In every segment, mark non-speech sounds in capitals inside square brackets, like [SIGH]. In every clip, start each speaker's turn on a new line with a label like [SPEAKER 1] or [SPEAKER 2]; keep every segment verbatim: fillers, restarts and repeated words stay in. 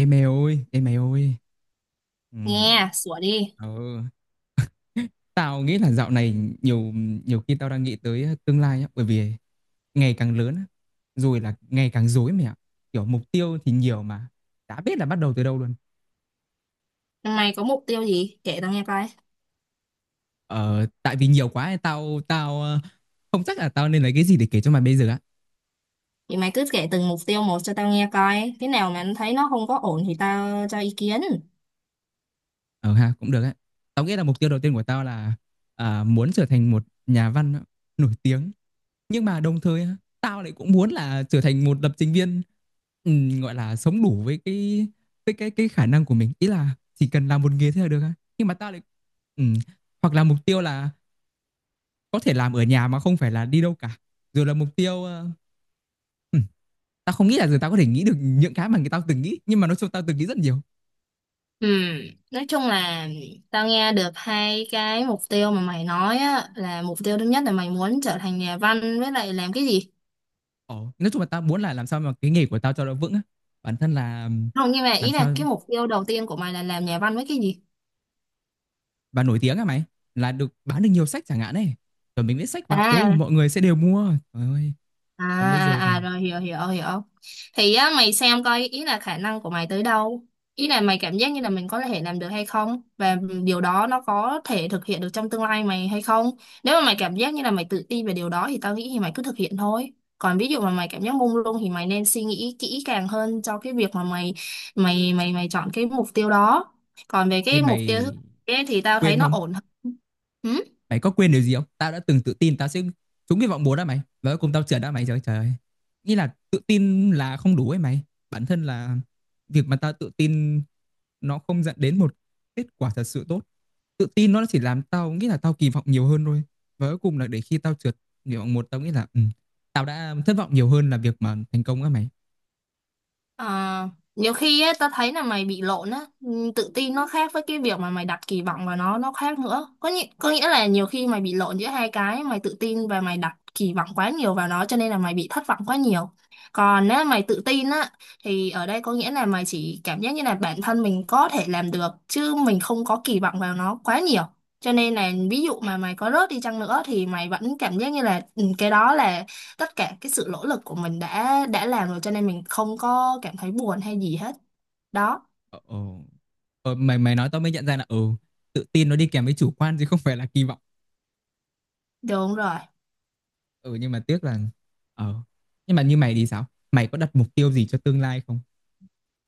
[SPEAKER 1] Ê mày ơi, ê mày ơi. Ừ.
[SPEAKER 2] Nghe, sủa đi.
[SPEAKER 1] Ừ. [LAUGHS] Tao nghĩ là dạo này nhiều nhiều khi tao đang nghĩ tới tương lai á, bởi vì ngày càng lớn á, rồi là ngày càng rối mày ạ. Kiểu mục tiêu thì nhiều mà đã biết là bắt đầu từ đâu luôn.
[SPEAKER 2] Mày có mục tiêu gì? Kể tao nghe coi.
[SPEAKER 1] Ờ tại vì nhiều quá ấy, tao tao ờ, không chắc là tao nên lấy cái gì để kể cho mày bây giờ á.
[SPEAKER 2] Thì mày cứ kể từng mục tiêu một cho tao nghe coi. Cái nào mà thấy nó không có ổn thì tao cho ý kiến.
[SPEAKER 1] Ờ ha, cũng được á. Tao nghĩ là mục tiêu đầu tiên của tao là à, muốn trở thành một nhà văn nổi tiếng. Nhưng mà đồng thời tao lại cũng muốn là trở thành một lập trình viên, ừm, gọi là, sống đủ với cái cái cái cái khả năng của mình. Ý là chỉ cần làm một nghề thế là được. Nhưng mà tao lại ừm, hoặc là mục tiêu là có thể làm ở nhà mà không phải là đi đâu cả. Rồi là mục tiêu, ơ tao không nghĩ là giờ tao có thể nghĩ được những cái mà người tao từng nghĩ, nhưng mà nói chung tao từng nghĩ rất nhiều.
[SPEAKER 2] Ừ, nói chung là tao nghe được hai cái mục tiêu mà mày nói á, là mục tiêu thứ nhất là mày muốn trở thành nhà văn với lại làm cái gì?
[SPEAKER 1] Ờ, nói chung là tao muốn là làm sao mà cái nghề của tao cho nó vững á. Bản thân là
[SPEAKER 2] Không, nhưng mà
[SPEAKER 1] làm
[SPEAKER 2] ý là
[SPEAKER 1] sao
[SPEAKER 2] cái mục tiêu đầu tiên của mày là làm nhà văn với cái gì?
[SPEAKER 1] và nổi tiếng à mày, là được bán được nhiều sách chẳng hạn ấy, rồi mình viết sách vào ô oh,
[SPEAKER 2] À,
[SPEAKER 1] mọi người sẽ đều mua trời ơi.
[SPEAKER 2] à
[SPEAKER 1] Còn bây
[SPEAKER 2] à
[SPEAKER 1] giờ thì
[SPEAKER 2] à rồi hiểu hiểu hiểu, thì á mày xem coi ý là khả năng của mày tới đâu, ý là mày cảm giác như là mình có thể làm được hay không, và điều đó nó có thể thực hiện được trong tương lai mày hay không. Nếu mà mày cảm giác như là mày tự tin về điều đó thì tao nghĩ thì mày cứ thực hiện thôi, còn ví dụ mà mày cảm giác mông lung thì mày nên suy nghĩ kỹ càng hơn cho cái việc mà mày mày mày mày chọn cái mục tiêu đó. Còn về cái
[SPEAKER 1] em
[SPEAKER 2] mục tiêu thứ
[SPEAKER 1] mày
[SPEAKER 2] ấy thì tao thấy
[SPEAKER 1] quên
[SPEAKER 2] nó
[SPEAKER 1] không,
[SPEAKER 2] ổn hơn. Ừ?
[SPEAKER 1] mày có quên điều gì không? Tao đã từng tự tin tao sẽ trúng cái vọng muốn đó mày và cuối cùng tao trượt đó mày, trời ơi, trời ơi. Nghĩ là tự tin là không đủ ấy mày, bản thân là việc mà tao tự tin nó không dẫn đến một kết quả thật sự tốt. Tự tin nó chỉ làm tao nghĩ là tao kỳ vọng nhiều hơn thôi, và cuối cùng là để khi tao trượt nguyện vọng một, tao nghĩ là ừ, tao đã thất vọng nhiều hơn là việc mà thành công á mày.
[SPEAKER 2] À, nhiều khi ấy, tao thấy là mày bị lộn á. Ừ, tự tin nó khác với cái việc mà mày đặt kỳ vọng vào nó nó khác nữa. Có nghĩa, có nghĩa là nhiều khi mày bị lộn giữa hai cái, mày tự tin và mày đặt kỳ vọng quá nhiều vào nó cho nên là mày bị thất vọng quá nhiều. Còn nếu mày tự tin á, thì ở đây có nghĩa là mày chỉ cảm giác như là bản thân mình có thể làm được chứ mình không có kỳ vọng vào nó quá nhiều. Cho nên là ví dụ mà mày có rớt đi chăng nữa thì mày vẫn cảm giác như là, ừ, cái đó là tất cả cái sự nỗ lực của mình đã đã làm rồi, cho nên mình không có cảm thấy buồn hay gì hết đó.
[SPEAKER 1] Ờ, ờ. Ờ, mày mày nói tao mới nhận ra là ừ, tự tin nó đi kèm với chủ quan chứ không phải là kỳ vọng.
[SPEAKER 2] Đúng rồi.
[SPEAKER 1] Ừ nhưng mà tiếc là ờ nhưng mà như mày thì sao? Mày có đặt mục tiêu gì cho tương lai không?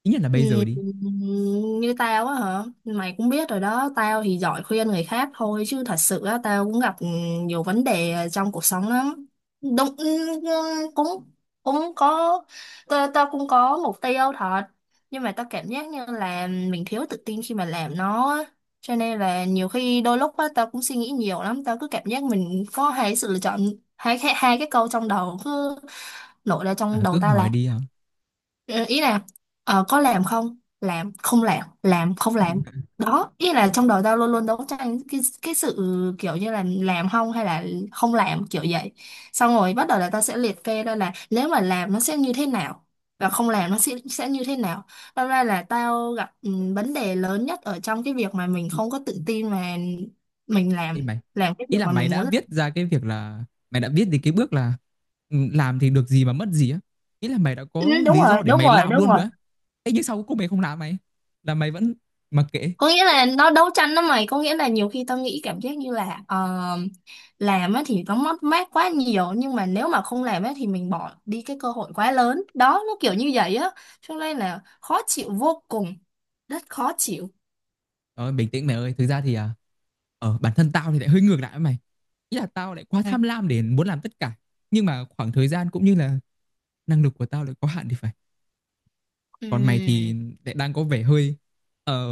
[SPEAKER 1] Ít nhất là
[SPEAKER 2] Ừ,
[SPEAKER 1] bây giờ đi.
[SPEAKER 2] như tao á hả, mày cũng biết rồi đó, tao thì giỏi khuyên người khác thôi chứ thật sự á tao cũng gặp ừ, nhiều vấn đề trong cuộc sống lắm. Đúng. Ừ, ừ, cũng cũng có, tao, tao cũng có mục tiêu thật, nhưng mà tao cảm giác như là mình thiếu tự tin khi mà làm nó á. Cho nên là nhiều khi đôi lúc á tao cũng suy nghĩ nhiều lắm, tao cứ cảm giác mình có hai sự lựa chọn, hai hai hai cái câu trong đầu cứ nổi ra trong
[SPEAKER 1] À,
[SPEAKER 2] đầu
[SPEAKER 1] cứ
[SPEAKER 2] tao
[SPEAKER 1] hỏi
[SPEAKER 2] là:
[SPEAKER 1] đi hả?
[SPEAKER 2] Ờ, ý là ờ, có làm không làm không làm làm không làm, đó ý là trong đầu tao luôn luôn đấu tranh cái cái sự kiểu như là làm không hay là không làm, kiểu vậy. Xong rồi bắt đầu là tao sẽ liệt kê ra là nếu mà làm nó sẽ như thế nào và không làm nó sẽ sẽ như thế nào. Thật ra là tao gặp ừ, vấn đề lớn nhất ở trong cái việc mà mình không có tự tin mà mình làm
[SPEAKER 1] Ý mày,
[SPEAKER 2] làm cái
[SPEAKER 1] ý
[SPEAKER 2] việc
[SPEAKER 1] là
[SPEAKER 2] mà
[SPEAKER 1] mày
[SPEAKER 2] mình
[SPEAKER 1] đã
[SPEAKER 2] muốn
[SPEAKER 1] viết
[SPEAKER 2] làm.
[SPEAKER 1] ra cái việc là mày đã viết đến cái bước là ừ, làm thì được gì mà mất gì á. Ý là mày đã
[SPEAKER 2] Ừ,
[SPEAKER 1] có
[SPEAKER 2] đúng
[SPEAKER 1] lý do
[SPEAKER 2] rồi,
[SPEAKER 1] để
[SPEAKER 2] đúng
[SPEAKER 1] mày
[SPEAKER 2] rồi,
[SPEAKER 1] làm
[SPEAKER 2] đúng
[SPEAKER 1] luôn
[SPEAKER 2] rồi.
[SPEAKER 1] rồi á. Thế nhưng sau cuối cùng mày không làm mày, là mày vẫn mặc kệ.
[SPEAKER 2] Có nghĩa là nó đấu tranh đó mày, có nghĩa là nhiều khi tao nghĩ cảm giác như là, ờ, làm á thì nó mất mát quá nhiều, nhưng mà nếu mà không làm á thì mình bỏ đi cái cơ hội quá lớn đó, nó kiểu như vậy á. Cho nên là khó chịu vô cùng, rất khó chịu.
[SPEAKER 1] Ờ, bình tĩnh mày ơi, thực ra thì à, ở bản thân tao thì lại hơi ngược lại với mày. Ý là tao lại quá
[SPEAKER 2] Ừ.
[SPEAKER 1] tham lam để muốn làm tất cả. Nhưng mà khoảng thời gian cũng như là năng lực của tao lại có hạn thì phải. Còn mày thì
[SPEAKER 2] Ừm,
[SPEAKER 1] lại đang có vẻ hơi ờ,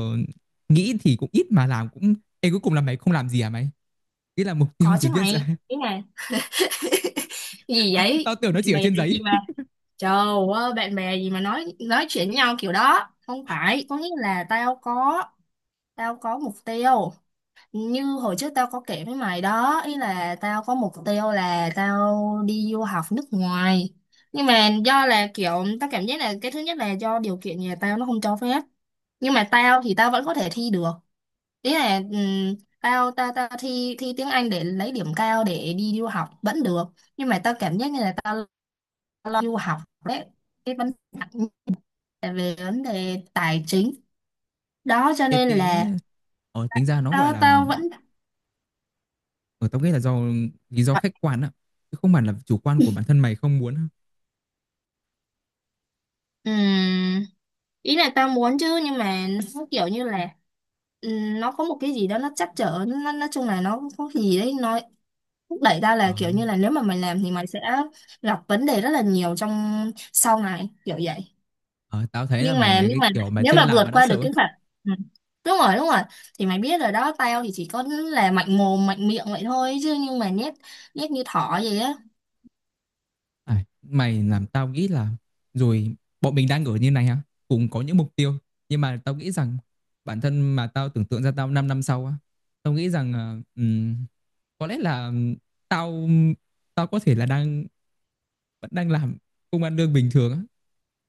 [SPEAKER 1] nghĩ thì cũng ít mà làm cũng. Ê cuối cùng là mày không làm gì à mày? Ý là mục tiêu
[SPEAKER 2] có
[SPEAKER 1] thì
[SPEAKER 2] chứ
[SPEAKER 1] viết
[SPEAKER 2] mày,
[SPEAKER 1] ra.
[SPEAKER 2] ý là cái
[SPEAKER 1] [LAUGHS]
[SPEAKER 2] gì
[SPEAKER 1] Tao, tao
[SPEAKER 2] vậy,
[SPEAKER 1] tưởng nó chỉ
[SPEAKER 2] bạn
[SPEAKER 1] ở
[SPEAKER 2] bè
[SPEAKER 1] trên
[SPEAKER 2] là
[SPEAKER 1] giấy.
[SPEAKER 2] gì mà, trời ơi, bạn bè gì mà nói nói chuyện với nhau kiểu đó. Không phải, có nghĩa là tao có tao có mục tiêu, như hồi trước tao có kể với mày đó, ý là tao có mục tiêu là tao đi du học nước ngoài. Nhưng mà do là kiểu tao cảm giác là, cái thứ nhất là do điều kiện nhà tao nó không cho phép, nhưng mà tao thì tao vẫn có thể thi được, ý là ừm, tao tao tao thi thi tiếng Anh để lấy điểm cao để đi du học vẫn được. Nhưng mà tao cảm giác như là tao lo du học đấy, cái vấn đề, về vấn đề tài chính đó, cho
[SPEAKER 1] Ê
[SPEAKER 2] nên
[SPEAKER 1] tế
[SPEAKER 2] là
[SPEAKER 1] ờ, tính ra nó gọi
[SPEAKER 2] tao
[SPEAKER 1] là
[SPEAKER 2] tao vẫn.
[SPEAKER 1] ở tao nghĩ là do lý do khách quan á, chứ không hẳn là chủ quan của bản thân mày không muốn.
[SPEAKER 2] Ừm, Ý là tao muốn chứ, nhưng mà nó kiểu như là, ừm, nó có một cái gì đó nó trắc trở, nó nói chung là nó có cái gì đấy nó thúc đẩy tao
[SPEAKER 1] Ờ,
[SPEAKER 2] là kiểu như là nếu mà mày làm thì mày sẽ gặp vấn đề rất là nhiều trong sau này, kiểu vậy.
[SPEAKER 1] ờ, tao thấy là
[SPEAKER 2] nhưng
[SPEAKER 1] mày
[SPEAKER 2] mà
[SPEAKER 1] là
[SPEAKER 2] nhưng
[SPEAKER 1] cái
[SPEAKER 2] mà
[SPEAKER 1] kiểu mà
[SPEAKER 2] nếu
[SPEAKER 1] chưa
[SPEAKER 2] mà
[SPEAKER 1] làm
[SPEAKER 2] vượt
[SPEAKER 1] mà đã
[SPEAKER 2] qua được
[SPEAKER 1] sợ.
[SPEAKER 2] cái phạt. Ừ. Đúng rồi, đúng rồi. Thì mày biết rồi đó, tao thì chỉ có là mạnh mồm mạnh miệng vậy thôi, chứ nhưng mà nhét nhét như thỏ vậy á.
[SPEAKER 1] À, mày làm tao nghĩ là rồi bọn mình đang ở như này ha, cùng có những mục tiêu, nhưng mà tao nghĩ rằng bản thân mà tao tưởng tượng ra tao năm năm sau á, tao nghĩ rằng ờ, có lẽ là tao tao có thể là đang vẫn đang làm công ăn lương bình thường á.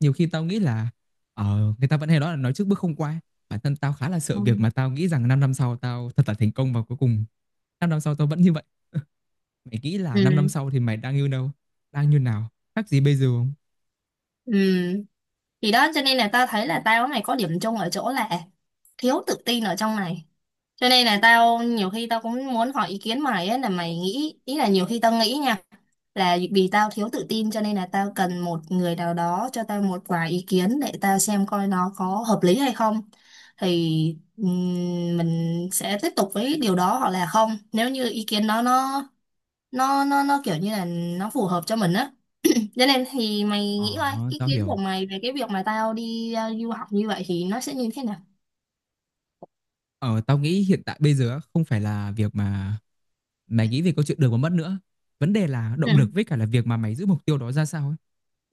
[SPEAKER 1] Nhiều khi tao nghĩ là ờ, người ta vẫn hay nói là nói trước bước không qua. Bản thân tao khá là
[SPEAKER 2] Ừ.
[SPEAKER 1] sợ việc mà tao nghĩ rằng năm năm sau tao thật là thành công và cuối cùng năm năm sau tao vẫn như vậy. Mày nghĩ là năm năm
[SPEAKER 2] Ừ.
[SPEAKER 1] sau thì mày đang như đâu? Đang như nào? Khác gì bây giờ không?
[SPEAKER 2] Ừ. Thì đó cho nên là tao thấy là tao này có điểm chung ở chỗ là thiếu tự tin ở trong này. Cho nên là tao nhiều khi tao cũng muốn hỏi ý kiến mày ấy, là mày nghĩ, ý là nhiều khi tao nghĩ nha, là vì tao thiếu tự tin cho nên là tao cần một người nào đó cho tao một vài ý kiến để tao xem coi nó có hợp lý hay không. Thì ừm, mình sẽ tiếp tục với điều đó hoặc là không, nếu như ý kiến đó nó nó nó nó kiểu như là nó phù hợp cho mình á. Vậy nên thì mày
[SPEAKER 1] Ờ,
[SPEAKER 2] nghĩ coi ý
[SPEAKER 1] tao
[SPEAKER 2] kiến của
[SPEAKER 1] hiểu.
[SPEAKER 2] mày về cái việc mà tao đi ờ, du học như vậy thì nó sẽ như thế nào?
[SPEAKER 1] Ờ, tao nghĩ hiện tại bây giờ á, không phải là việc mà mày nghĩ về câu chuyện được và mất nữa. Vấn đề là
[SPEAKER 2] Ừ.
[SPEAKER 1] động lực với cả là việc mà mày giữ mục tiêu đó ra sao ấy.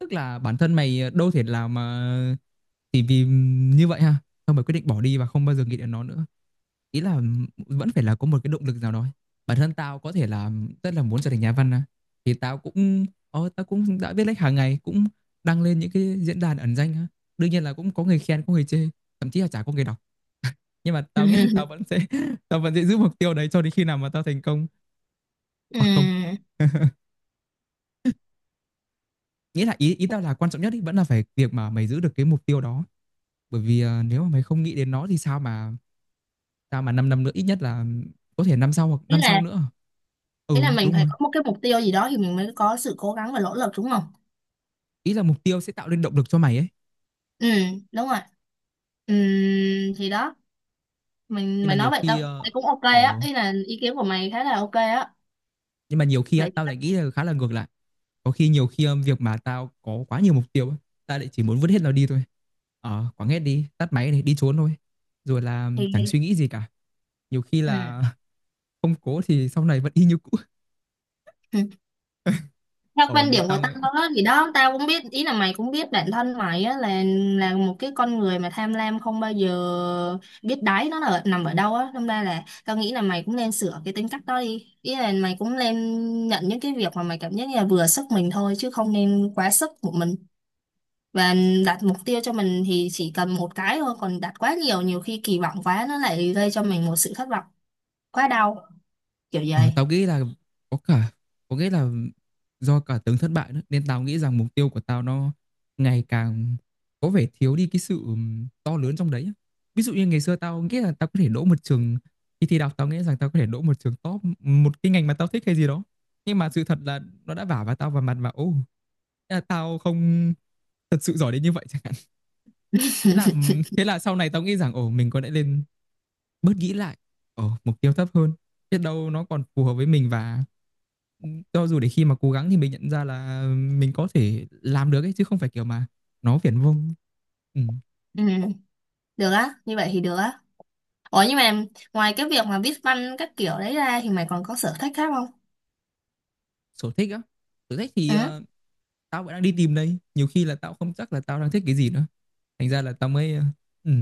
[SPEAKER 1] Tức là bản thân mày ờ, đâu thể làm mà chỉ vì như vậy ha. Xong mày quyết định bỏ đi và không bao giờ nghĩ đến nó nữa. Ý là vẫn phải là có một cái động lực nào đó ấy. Bản thân tao có thể là rất là muốn trở thành nhà văn á. Thì tao cũng ờ, tao cũng đã viết lách hàng ngày, cũng đăng lên những cái diễn đàn ẩn danh á. Đương nhiên là cũng có người khen, có người chê, thậm chí là chả có người đọc, nhưng mà tao nghĩ là
[SPEAKER 2] [LAUGHS]
[SPEAKER 1] tao vẫn sẽ [LAUGHS] tao vẫn sẽ giữ mục tiêu đấy cho đến khi nào mà tao thành công
[SPEAKER 2] Ừ.
[SPEAKER 1] hoặc không. [LAUGHS] Nghĩa là ý ý tao là quan trọng nhất ý, vẫn là phải việc mà mày giữ được cái mục tiêu đó, bởi vì à, nếu mà mày không nghĩ đến nó thì sao mà sao mà 5 năm nữa, ít nhất là có thể năm sau hoặc
[SPEAKER 2] Ý
[SPEAKER 1] năm
[SPEAKER 2] là,
[SPEAKER 1] sau nữa. Ừ
[SPEAKER 2] ý là mình
[SPEAKER 1] đúng
[SPEAKER 2] phải
[SPEAKER 1] rồi,
[SPEAKER 2] có một cái mục tiêu gì đó thì mình mới có sự cố gắng và nỗ lực, đúng không?
[SPEAKER 1] ý là mục tiêu sẽ tạo nên động lực cho mày ấy.
[SPEAKER 2] Ừ, đúng rồi. Ừ, thì đó, mình
[SPEAKER 1] Nhưng mà
[SPEAKER 2] mày
[SPEAKER 1] nhiều
[SPEAKER 2] nói vậy tao
[SPEAKER 1] khi ờ,
[SPEAKER 2] thấy cũng ok á,
[SPEAKER 1] ở
[SPEAKER 2] ý là ý kiến của mày khá là ok á.
[SPEAKER 1] nhưng mà nhiều khi á,
[SPEAKER 2] Vậy
[SPEAKER 1] tao lại nghĩ là khá là ngược lại. Có khi nhiều khi um, việc mà tao có quá nhiều mục tiêu á, tao lại chỉ muốn vứt hết nó đi thôi, ờ quẳng hết đi tắt máy này đi trốn thôi, rồi là um, chẳng suy
[SPEAKER 2] thì
[SPEAKER 1] nghĩ gì cả. Nhiều khi
[SPEAKER 2] ừ.
[SPEAKER 1] là [LAUGHS] không cố thì sau này vẫn y như cũ.
[SPEAKER 2] theo
[SPEAKER 1] Ở
[SPEAKER 2] quan điểm của
[SPEAKER 1] tao
[SPEAKER 2] tao đó thì đó, tao cũng biết, ý là mày cũng biết bản thân mày á là là một cái con người mà tham lam không bao giờ biết đáy nó là nằm ở đâu á, đâm ra là tao nghĩ là mày cũng nên sửa cái tính cách đó đi, ý là mày cũng nên nhận những cái việc mà mày cảm giác như là vừa sức mình thôi chứ không nên quá sức của mình. Và đặt mục tiêu cho mình thì chỉ cần một cái thôi, còn đặt quá nhiều nhiều khi kỳ vọng quá nó lại gây cho mình một sự thất vọng quá đau, kiểu
[SPEAKER 1] Ờ,
[SPEAKER 2] vậy.
[SPEAKER 1] tao nghĩ là có cả, có nghĩa là do cả từng thất bại nữa nên tao nghĩ rằng mục tiêu của tao nó ngày càng có vẻ thiếu đi cái sự ừm, to lớn trong đấy á. Ví dụ như ngày xưa tao nghĩ là tao có thể đỗ một trường, khi thi đại học tao nghĩ rằng tao có thể đỗ một trường top, một cái ngành mà tao thích hay gì đó, nhưng mà sự thật là nó đã vả vào tao vào mặt và ô, thế là tao không thật sự giỏi đến như vậy [LAUGHS] chẳng hạn. thế là Thế là sau này tao nghĩ rằng ồ mình có lẽ lên bớt nghĩ lại ở mục tiêu thấp hơn, biết đâu nó còn phù hợp với mình, và ừ, cho dù để khi mà cố gắng thì mình nhận ra là mình có thể làm được ấy, chứ không phải kiểu mà nó viển vông. Ừ.
[SPEAKER 2] Ừ, được á, như vậy thì được á. Ủa, nhưng mà ngoài cái việc mà viết văn các kiểu đấy ra thì mày còn có sở thích khác không?
[SPEAKER 1] Sở thích á, sở thích thì
[SPEAKER 2] Ừ.
[SPEAKER 1] ờ, tao vẫn đang đi tìm đây, nhiều khi là tao không chắc là tao đang thích cái gì nữa. Thành ra là tao mới ờ, ừ,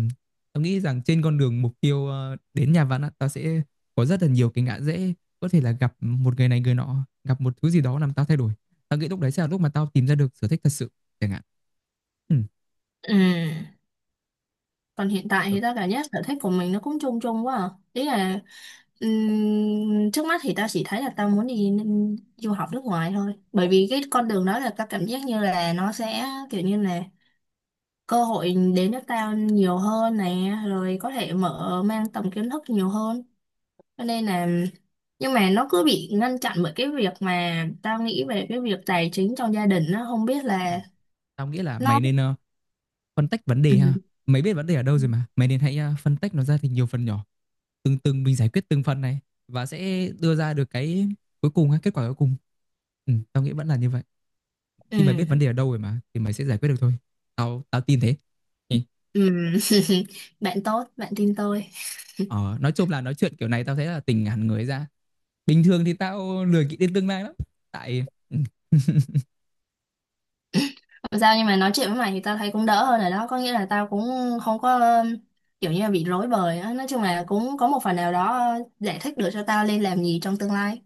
[SPEAKER 1] tao nghĩ rằng trên con đường mục tiêu ờ, đến nhà văn á, tao sẽ có rất là nhiều cái ngã rẽ, có thể là gặp một người này người nọ, gặp một thứ gì đó làm tao thay đổi. Tao nghĩ lúc đấy sẽ là lúc mà tao tìm ra được sở thích thật sự chẳng hạn. Ừ.
[SPEAKER 2] Ừ. Còn hiện tại
[SPEAKER 1] Ờ,
[SPEAKER 2] thì tao cảm giác sở thích của mình nó cũng chung chung quá à. Ý là ừm, trước mắt thì tao chỉ thấy là tao muốn đi n- du học nước ngoài thôi. Bởi vì cái con đường đó là tao cảm giác như là nó sẽ kiểu như là cơ hội đến cho tao nhiều hơn nè, rồi có thể mở mang tầm kiến thức nhiều hơn. Cho nên là, nhưng mà nó cứ bị ngăn chặn bởi cái việc mà tao nghĩ về cái việc tài chính trong gia đình, nó không biết là
[SPEAKER 1] tao nghĩ là
[SPEAKER 2] nó.
[SPEAKER 1] mày nên ờ, phân tách vấn đề ha,
[SPEAKER 2] Ừ.
[SPEAKER 1] mày biết vấn đề ở đâu rồi mà, mày nên hãy ờ, phân tách nó ra thành nhiều phần nhỏ, từng từng mình giải quyết từng phần này và sẽ đưa ra được cái cuối cùng hay kết quả cuối cùng. Ừ, tao nghĩ vẫn là như vậy.
[SPEAKER 2] Ừ.
[SPEAKER 1] Khi mày biết vấn đề ở đâu rồi mà thì mày sẽ giải quyết được thôi. Tao tao tin thế. Ừ.
[SPEAKER 2] Ừ. [LAUGHS] Bạn tốt bạn tin tôi.
[SPEAKER 1] Ờ, nói chung là nói chuyện kiểu này tao thấy là tỉnh hẳn người ra, bình thường thì tao lười nghĩ đến tương lai lắm tại [LAUGHS]
[SPEAKER 2] Không sao, nhưng mà nói chuyện với mày thì tao thấy cũng đỡ hơn rồi đó, có nghĩa là tao cũng không có um, kiểu như là bị rối bời á, nói chung là cũng có một phần nào đó giải thích được cho tao nên làm gì trong tương lai.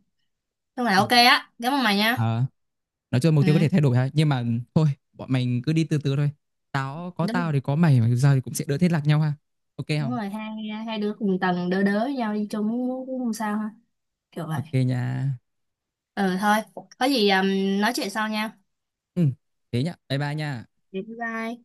[SPEAKER 2] Nhưng mà
[SPEAKER 1] ừ.
[SPEAKER 2] ok á, cảm ơn mày nha.
[SPEAKER 1] Ờ, nói chung mục tiêu có thể
[SPEAKER 2] Ừ.
[SPEAKER 1] thay đổi ha, nhưng mà thôi, bọn mình cứ đi từ từ thôi. tao có
[SPEAKER 2] Đúng,
[SPEAKER 1] tao thì có mày mà giờ thì cũng sẽ đỡ thế lạc nhau ha. Ok
[SPEAKER 2] đúng
[SPEAKER 1] không,
[SPEAKER 2] rồi, hai hai đứa cùng tầng đỡ đỡ nhau đi chung cũng cũng không sao ha, kiểu vậy.
[SPEAKER 1] ok nha.
[SPEAKER 2] Ừ thôi, có gì um, nói chuyện sau nha.
[SPEAKER 1] Ừ thế nhá, bye bye nha.
[SPEAKER 2] Bye bye.